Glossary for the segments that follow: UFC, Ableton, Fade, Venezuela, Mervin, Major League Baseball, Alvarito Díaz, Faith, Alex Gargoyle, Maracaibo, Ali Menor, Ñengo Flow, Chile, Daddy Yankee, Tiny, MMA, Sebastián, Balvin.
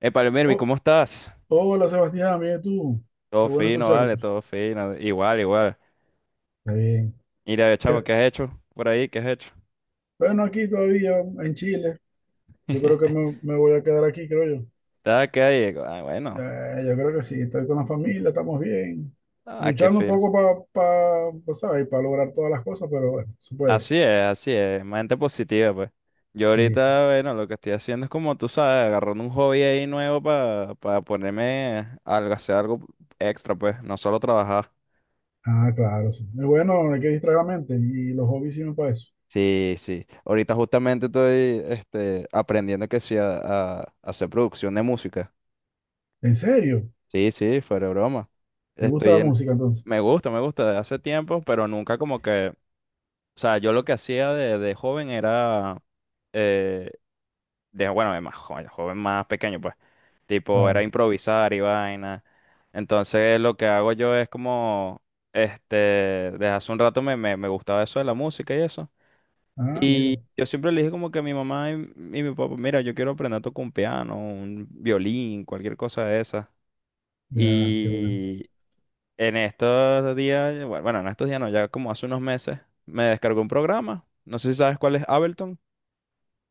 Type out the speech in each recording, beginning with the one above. Epa, mermi, Oh, ¿cómo estás? hola Sebastián, bien tú. Todo Qué bueno fino, vale, escucharte. todo fino. Igual, igual. Está bien. Mira, chamo, ¿Qué- ¿qué has hecho por ahí? ¿Qué has hecho? Bueno, aquí todavía en Chile. Yo creo que ¿Estás me voy a quedar aquí, creo yo. acá ahí? Ah, bueno. Yo creo que sí, estoy con la familia, estamos bien. Ah, qué Luchando un fino. poco para, pa, pa- pa, ¿sabes? Para lograr todas las cosas, pero bueno, se puede. Así es, así es. Mente positiva, pues. Yo Sí, sí. ahorita, bueno, lo que estoy haciendo es como tú sabes, agarrando un hobby ahí nuevo para ponerme algo, hacer algo extra, pues. No solo trabajar. Ah, claro, sí. Es bueno, hay que distraer la mente y los hobbies sirven para eso. Sí, sí. Ahorita justamente estoy este, aprendiendo que sí a, a hacer producción de música. ¿En serio? Sí, sí, fuera de broma. ¿Te gusta Estoy la en, música entonces? me gusta, me gusta de hace tiempo, pero nunca como que, o sea, yo lo que hacía de joven era, eh, de, bueno, de más joven, joven más pequeño, pues, tipo, era Claro. improvisar y vaina. Entonces lo que hago yo es como, este, desde hace un rato me gustaba eso de la música y eso. Ah, Y mira. yo siempre le dije como que a mi mamá y mi papá, mira, yo quiero aprender a tocar un piano, un violín, cualquier cosa de esas. Ya, qué bueno. Y, en estos días, bueno, en estos días no, ya como hace unos meses, me descargó un programa. No sé si sabes cuál es Ableton.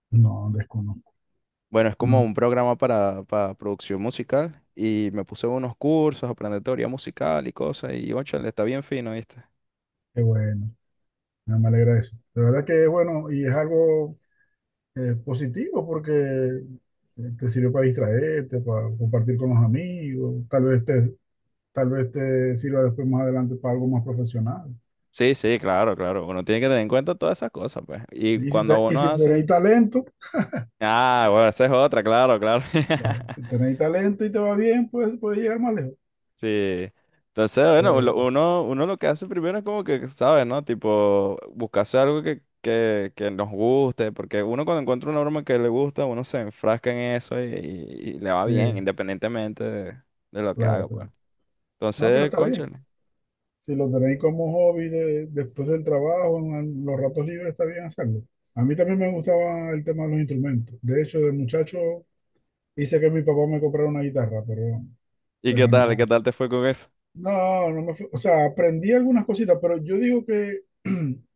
No, desconozco. Bueno, es como No, un programa para producción musical y me puse unos cursos, aprender teoría musical y cosas y, le está bien fino, ¿viste? qué bueno. Ah, me alegra eso. De verdad que es bueno y es algo positivo porque te sirve para distraerte, para compartir con los amigos, tal vez te sirva después más adelante para algo más profesional. Sí, sí, claro, claro. Uno tiene que tener en cuenta todas esas cosas, pues. Y Y si, cuando te- y uno si hace... tenéis talento, Ah, bueno, esa es otra, claro, claro. ah, si tenéis talento y te va bien, pues puedes llegar más lejos. Sí. Entonces, Está bueno, lo- bien. uno, uno lo que hace primero es como que, ¿sabes, no? Tipo, buscarse algo que nos guste, porque uno cuando encuentra una broma que le gusta, uno se enfrasca en eso y, y le va Sí, bien, independientemente de lo que haga, claro, pues. claro. No, pero Entonces, está bien. cónchale. Si lo tenéis como hobby después del trabajo, en los ratos libres, está bien hacerlo. A mí también me gustaba el tema de los instrumentos. De hecho, de muchacho hice que mi papá me comprara una guitarra, pero, ¿Y qué pero tal? ¿Qué no. tal te fue con eso? No, no me fui. O sea, aprendí algunas cositas, pero yo digo que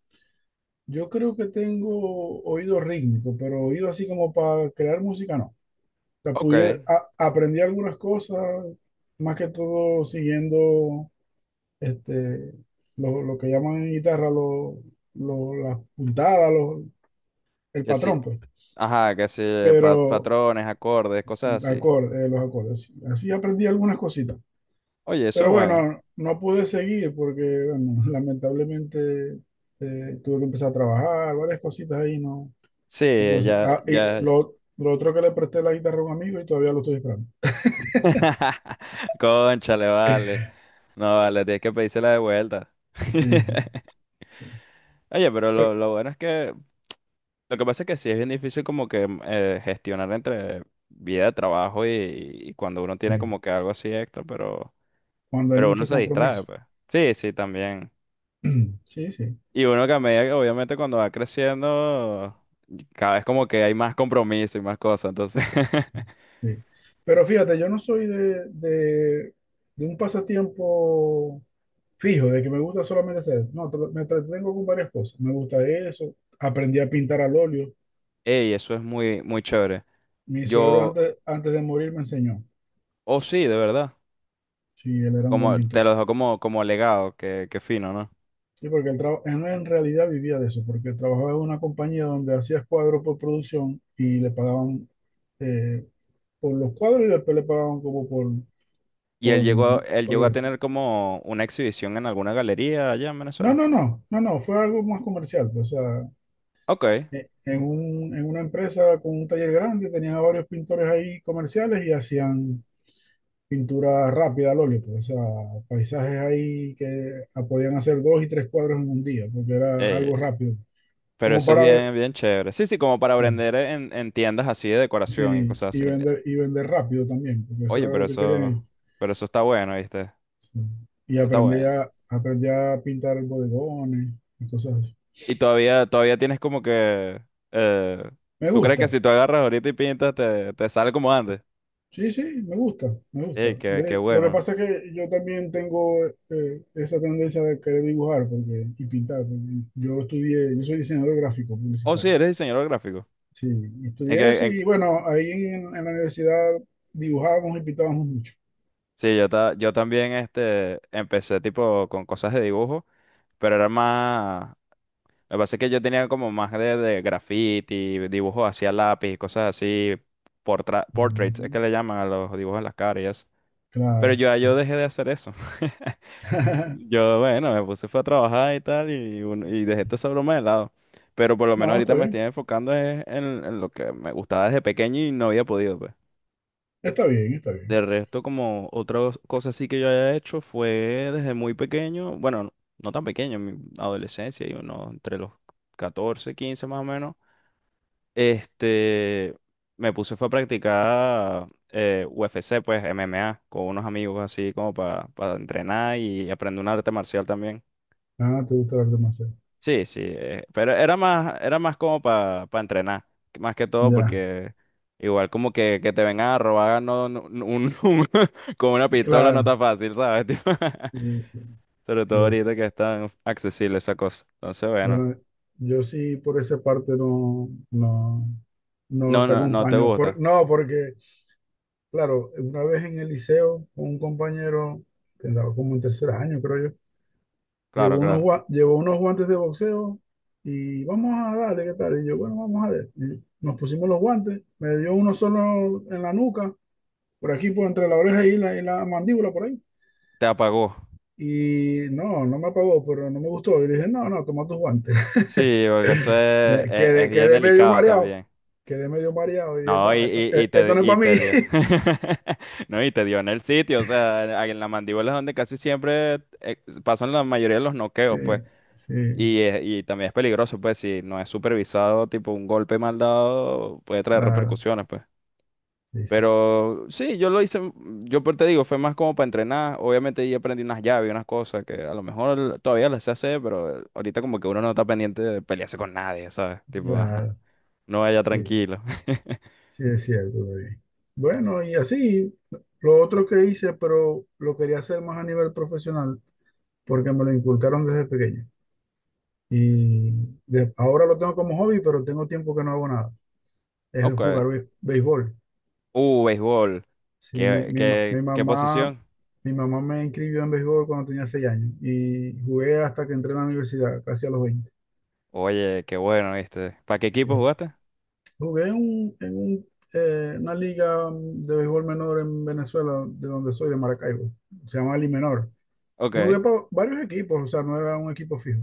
yo creo que tengo oído rítmico, pero oído así como para crear música, no. O sea, Ok, aprendí algunas cosas, más que todo siguiendo este, lo que llaman en guitarra las puntadas, el que sí. patrón, pues. Ajá, que sí, pa- Pero patrones, acordes, sí, cosas así. Los acordes. Sí. Así aprendí algunas cositas. Oye, eso es Pero bueno. bueno, no pude seguir porque, bueno, lamentablemente tuve que empezar a trabajar, varias cositas ahí, no, no Sí, pude seguir. ya, Ah, y ya. Lo otro que le presté la guitarra a un amigo y todavía lo estoy esperando. Cónchale, vale. No, vale, tienes que pedírsela de vuelta. Sí, sí, sí. Oye, pero Eh, lo bueno es que lo que pasa es que sí es bien difícil como que gestionar entre vida de trabajo y cuando uno tiene sí. como que algo así extra, Cuando hay pero uno muchos se distrae, compromisos. pues. Sí, sí, también. Sí, sí, Y uno que a medida que obviamente cuando va creciendo, cada vez como que hay más compromiso y más cosas, entonces, sí. Pero fíjate, yo no soy de un pasatiempo fijo, de que me gusta solamente hacer. No, me entretengo con varias cosas. Me gusta eso. Aprendí a pintar al óleo. ey, eso es muy, muy chévere. Mi suegro Yo, antes, antes de morir me enseñó. oh sí, de verdad, Sí, él era un buen como te pintor. lo dejo como, como legado, que fino, ¿no? Sí, porque él en realidad vivía de eso, porque trabajaba en una compañía donde hacía cuadros por producción y le pagaban eh, por los cuadros y después le pagaban como Y por, él por llegó a venta. tener como una exhibición en alguna galería allá en No, Venezuela. no, no, no, no, fue algo más comercial. Pues, o sea, Ok, en una empresa con un taller grande tenían a varios pintores ahí comerciales y hacían pintura rápida al óleo, pues, o sea, paisajes ahí que ah, podían hacer dos y tres cuadros en un día, porque era algo eh, rápido, pero como eso es para ver. bien, bien chévere. Sí, sí, como para Sí. vender en tiendas así de decoración y Sí, cosas así. Y vender rápido también, porque eso Oye, era lo que querían ellos. pero eso está bueno, ¿viste? Sí. Y Eso está bueno. Aprendí a pintar bodegones y cosas así. Y todavía, todavía tienes como que, eh, Me ¿tú crees gusta, que si tú agarras ahorita y pintas te, te sale como antes? sí, sí, me gusta, me Ey, gusta. qué, qué Lo que bueno. pasa es que yo también tengo esa tendencia de querer dibujar porque, y pintar, porque yo estudié, yo soy diseñador gráfico Oh, sí, publicitario. eres diseñador gráfico. Sí, Es estudié que, eso en- y bueno, ahí en la universidad dibujábamos y pintábamos mucho. sí, yo, ta- yo también este, empecé tipo con cosas de dibujo, pero era más. Lo que pasa es que yo tenía como más de graffiti, dibujos hacia lápiz, cosas así, portraits, es que Mm, le llaman a los dibujos en las caras y eso. Pero claro. yo dejé de hacer eso. Yo, bueno, me puse fue a trabajar y tal, y, un- y dejé toda esa broma de lado. Pero por lo menos No, ahorita está me estoy bien, enfocando es en lo que me gustaba desde pequeño y no había podido, pues. está bien, está bien. De resto, como otra cosa así que yo haya hecho fue desde muy pequeño, bueno, no tan pequeño, en mi adolescencia, y uno entre los 14, 15 más o menos. Este, me puse fue a practicar UFC, pues MMA, con unos amigos así como para entrenar y aprender un arte marcial también. Ah, te gusta hablar demasiado. Sí, sí, pero era más como para entrenar, más que todo Ya, porque igual como que te vengan a robar no, no- no- un- con una pistola no claro. está fácil, ¿sabes? Tipo, Sí, sí, sobre todo sí, ahorita sí. que es tan accesible esa cosa. Entonces, bueno, Bueno, yo sí por esa parte no, no, no no, te no, no te acompaño. Gusta. No, porque, claro, una vez en el liceo, un compañero que andaba como en tercer año, creo yo, Claro, claro. Llevó unos guantes de boxeo y vamos a darle, ¿qué tal? Y yo, bueno, vamos a ver. Y nos pusimos los guantes, me dio uno solo en la nuca, por aquí, por entre la oreja y la mandíbula, por ahí. Te apagó. Y no, no me apagó, pero no me gustó. Y le dije, no, no, toma tus guantes. Sí, porque eso es bien Quedé medio delicado mareado. también. Quedé medio mareado. Y dije, No, no, esto, esto no es y para mí. te dio. No, y te dio en el sitio, o sea, en la mandíbula es donde casi siempre eh, pasan la mayoría de los Sí, noqueos, pues. sí, Y, es- y también es peligroso, pues, si no es supervisado, tipo un golpe mal dado puede traer claro, repercusiones, pues. sí, sí, Pero sí, yo lo hice, yo por- te digo, fue más como para entrenar. Obviamente ahí aprendí unas llaves, unas cosas que a lo mejor todavía las sé hacer, pero ahorita como que uno no está pendiente de pelearse con nadie, ¿sabes? Tipo, ajá. claro, No vaya sí, tranquilo. sí es cierto. David. Bueno, y así, lo otro que hice, pero lo quería hacer más a nivel profesional, porque me lo inculcaron desde pequeño. Y ahora lo tengo como hobby, pero tengo tiempo que no hago nada. Es Ok. jugar béisbol. Béisbol. Sí, ¿Qué, qué, qué posición? Mi mamá me inscribió en béisbol cuando tenía 6 años y jugué hasta que entré en la universidad, casi a los 20. Oye, qué bueno, ¿viste? ¿Para qué equipo Sí. jugaste? Jugué una liga de béisbol menor en Venezuela, de donde soy, de Maracaibo. Se llama Ali Menor. Y Ok. jugué para varios equipos, o sea, no era un equipo fijo.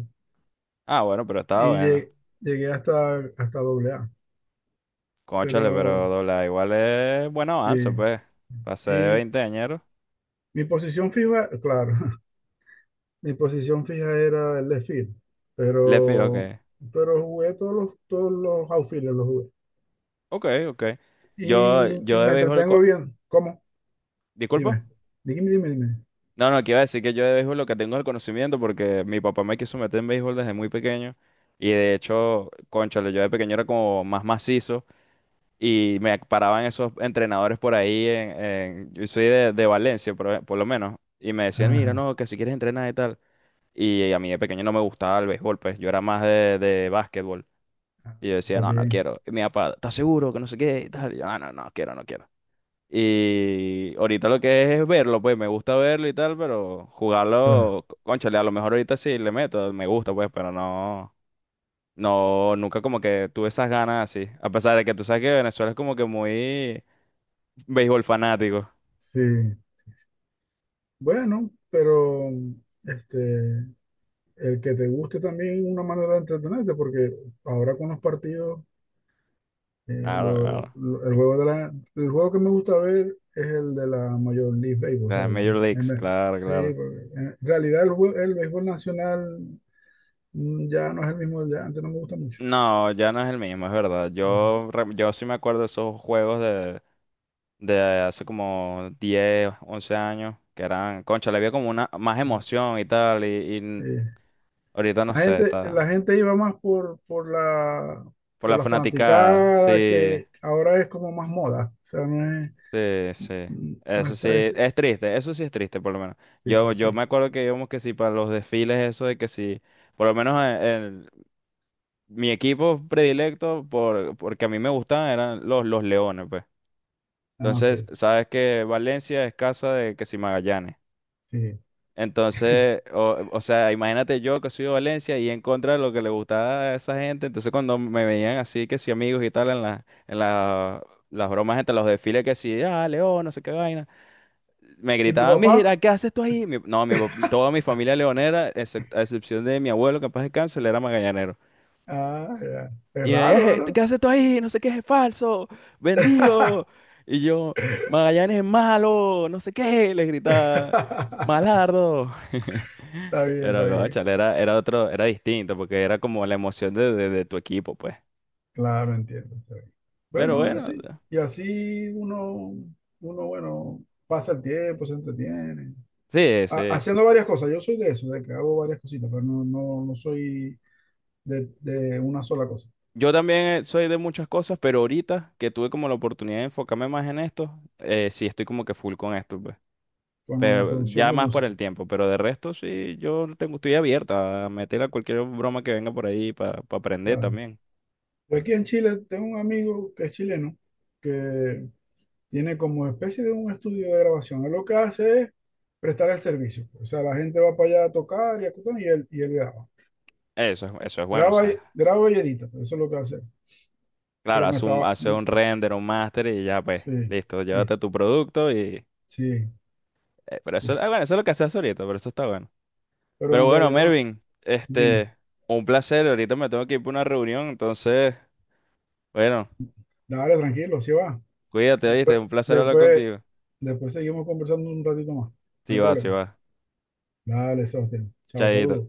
Ah, bueno, pero estaba Y bueno. Llegué hasta AA. Cónchale, pero Pero, doble A igual es buen sí. avance, pues. Pasé de Y 20 añeros. mi posición fija, claro, mi posición fija era el de field, Le fijo pero, que. pero jugué todos los outfielders, los jugué. Ok, ok. Yo, Y yo de me béisbol. Co- entretengo bien. ¿Cómo? ¿disculpa? Dime. Dime, dime, dime. No, no, que iba a decir que yo de béisbol lo que tengo es el conocimiento porque mi papá me quiso meter en béisbol desde muy pequeño. Y de hecho, cónchale, yo de pequeño era como más macizo. Y me paraban esos entrenadores por ahí en- yo soy de Valencia, por lo menos. Y me decían, mira, Ajá, no, que si quieres entrenar y tal. Y a mí de pequeño no me gustaba el béisbol, pues yo era más de básquetbol. Y yo decía, está no, no bien, quiero. Y mi papá, ¿estás seguro que no sé qué? Y tal. Y yo, no, no, no quiero, no quiero. Y ahorita lo que es verlo, pues me gusta verlo y tal, pero claro. jugarlo, c- cónchale, a lo mejor ahorita sí le meto, me gusta, pues, pero no, no, nunca como que tuve esas ganas así. A pesar de que tú sabes que Venezuela es como que muy béisbol fanático. Sí. Bueno, pero este, el que te guste también es una manera de entretenerte, porque ahora con los partidos, eh, Claro, lo- claro. lo- el juego de la, el juego que me gusta ver es el de la Major League Baseball, o De las sea, Major Leagues, claro, sí, claro. porque en realidad el béisbol nacional ya no es el mismo de antes, no me gusta mucho. No, ya no es el mismo, es verdad. Sí, Yo, re- yo sí me acuerdo de esos juegos de hace como 10, 11 años, que eran, concha, le había como una más sí, emoción y tal, sí. y ahorita no La sé, gente, la está gente iba más por la por la fanática, fanaticada, sí, que ahora es como más moda. O sea, sí, sí. no Eso sí, está ese. es triste, eso sí es triste por lo menos. Sí, Yo sí. me acuerdo que íbamos que sí para los desfiles, eso de que sí, por lo menos en, mi equipo predilecto, por, porque a mí me gustaban, eran los Leones, pues. Ah, Entonces, ok. sabes que Valencia es casa de que si Magallanes. Sí. Entonces, o sea, imagínate yo que soy de Valencia y en contra de lo que le gustaba a esa gente. Entonces, cuando me veían así, que si amigos y tal, en la- las bromas entre los desfiles, que si, ah, León, no sé qué vaina, me ¿Y tu gritaban, papá? mira, ¿qué haces tú ahí? Mi- no, mi, toda mi familia leonera, excep- a excepción de mi abuelo, que en paz descanse, él era magallanero. Ah, ya. Y Es me decía, raro, "Je- ¿verdad? ¿qué haces tú ahí? No sé qué es falso, vendido. Y yo, Magallanes es malo, no sé qué, le gritaba, Malardo. Está bien, está Pero, bien. cónchale, era, era otro, era distinto, porque era como la emoción de tu equipo, pues. Claro, entiendo. Está bien. Pero Bueno, bueno, así. Y así uno, bueno, pasa el tiempo, se entretiene. sí, sí. Haciendo varias cosas. Yo soy de eso, de que hago varias cositas, pero no, no, no soy de una sola cosa, Yo también soy de muchas cosas, pero ahorita que tuve como la oportunidad de enfocarme más en esto, sí estoy como que full con esto, pues. con la Pero producción ya de más por música. el tiempo, pero de resto sí, yo tengo, estoy abierta a meter a cualquier broma que venga por ahí para aprender Claro. también. Yo aquí en Chile tengo un amigo que es chileno, que tiene como especie de un estudio de grabación. Él lo que hace es prestar el servicio. O sea, la gente va para allá a tocar y a tocar, y él graba. Eso es bueno, o sea, Graba y edita, eso es lo que hace. claro, haz un, hace Sí, un render, un master y ya pues, sí, listo, sí, llévate tu producto y... sí. Pero eso, Sí. ah, bueno, eso es lo que haces ahorita, pero eso está bueno. Pero Pero en bueno, realidad, Mervin, dime, este, un placer, ahorita me tengo que ir para una reunión, entonces, bueno, dale tranquilo, si va. cuídate, Después, ¿viste? Un placer hablar después, contigo. después seguimos conversando un ratito más, no Sí hay va, sí problema. va. Dale, Sebastián. Chao, Chaito. saludos.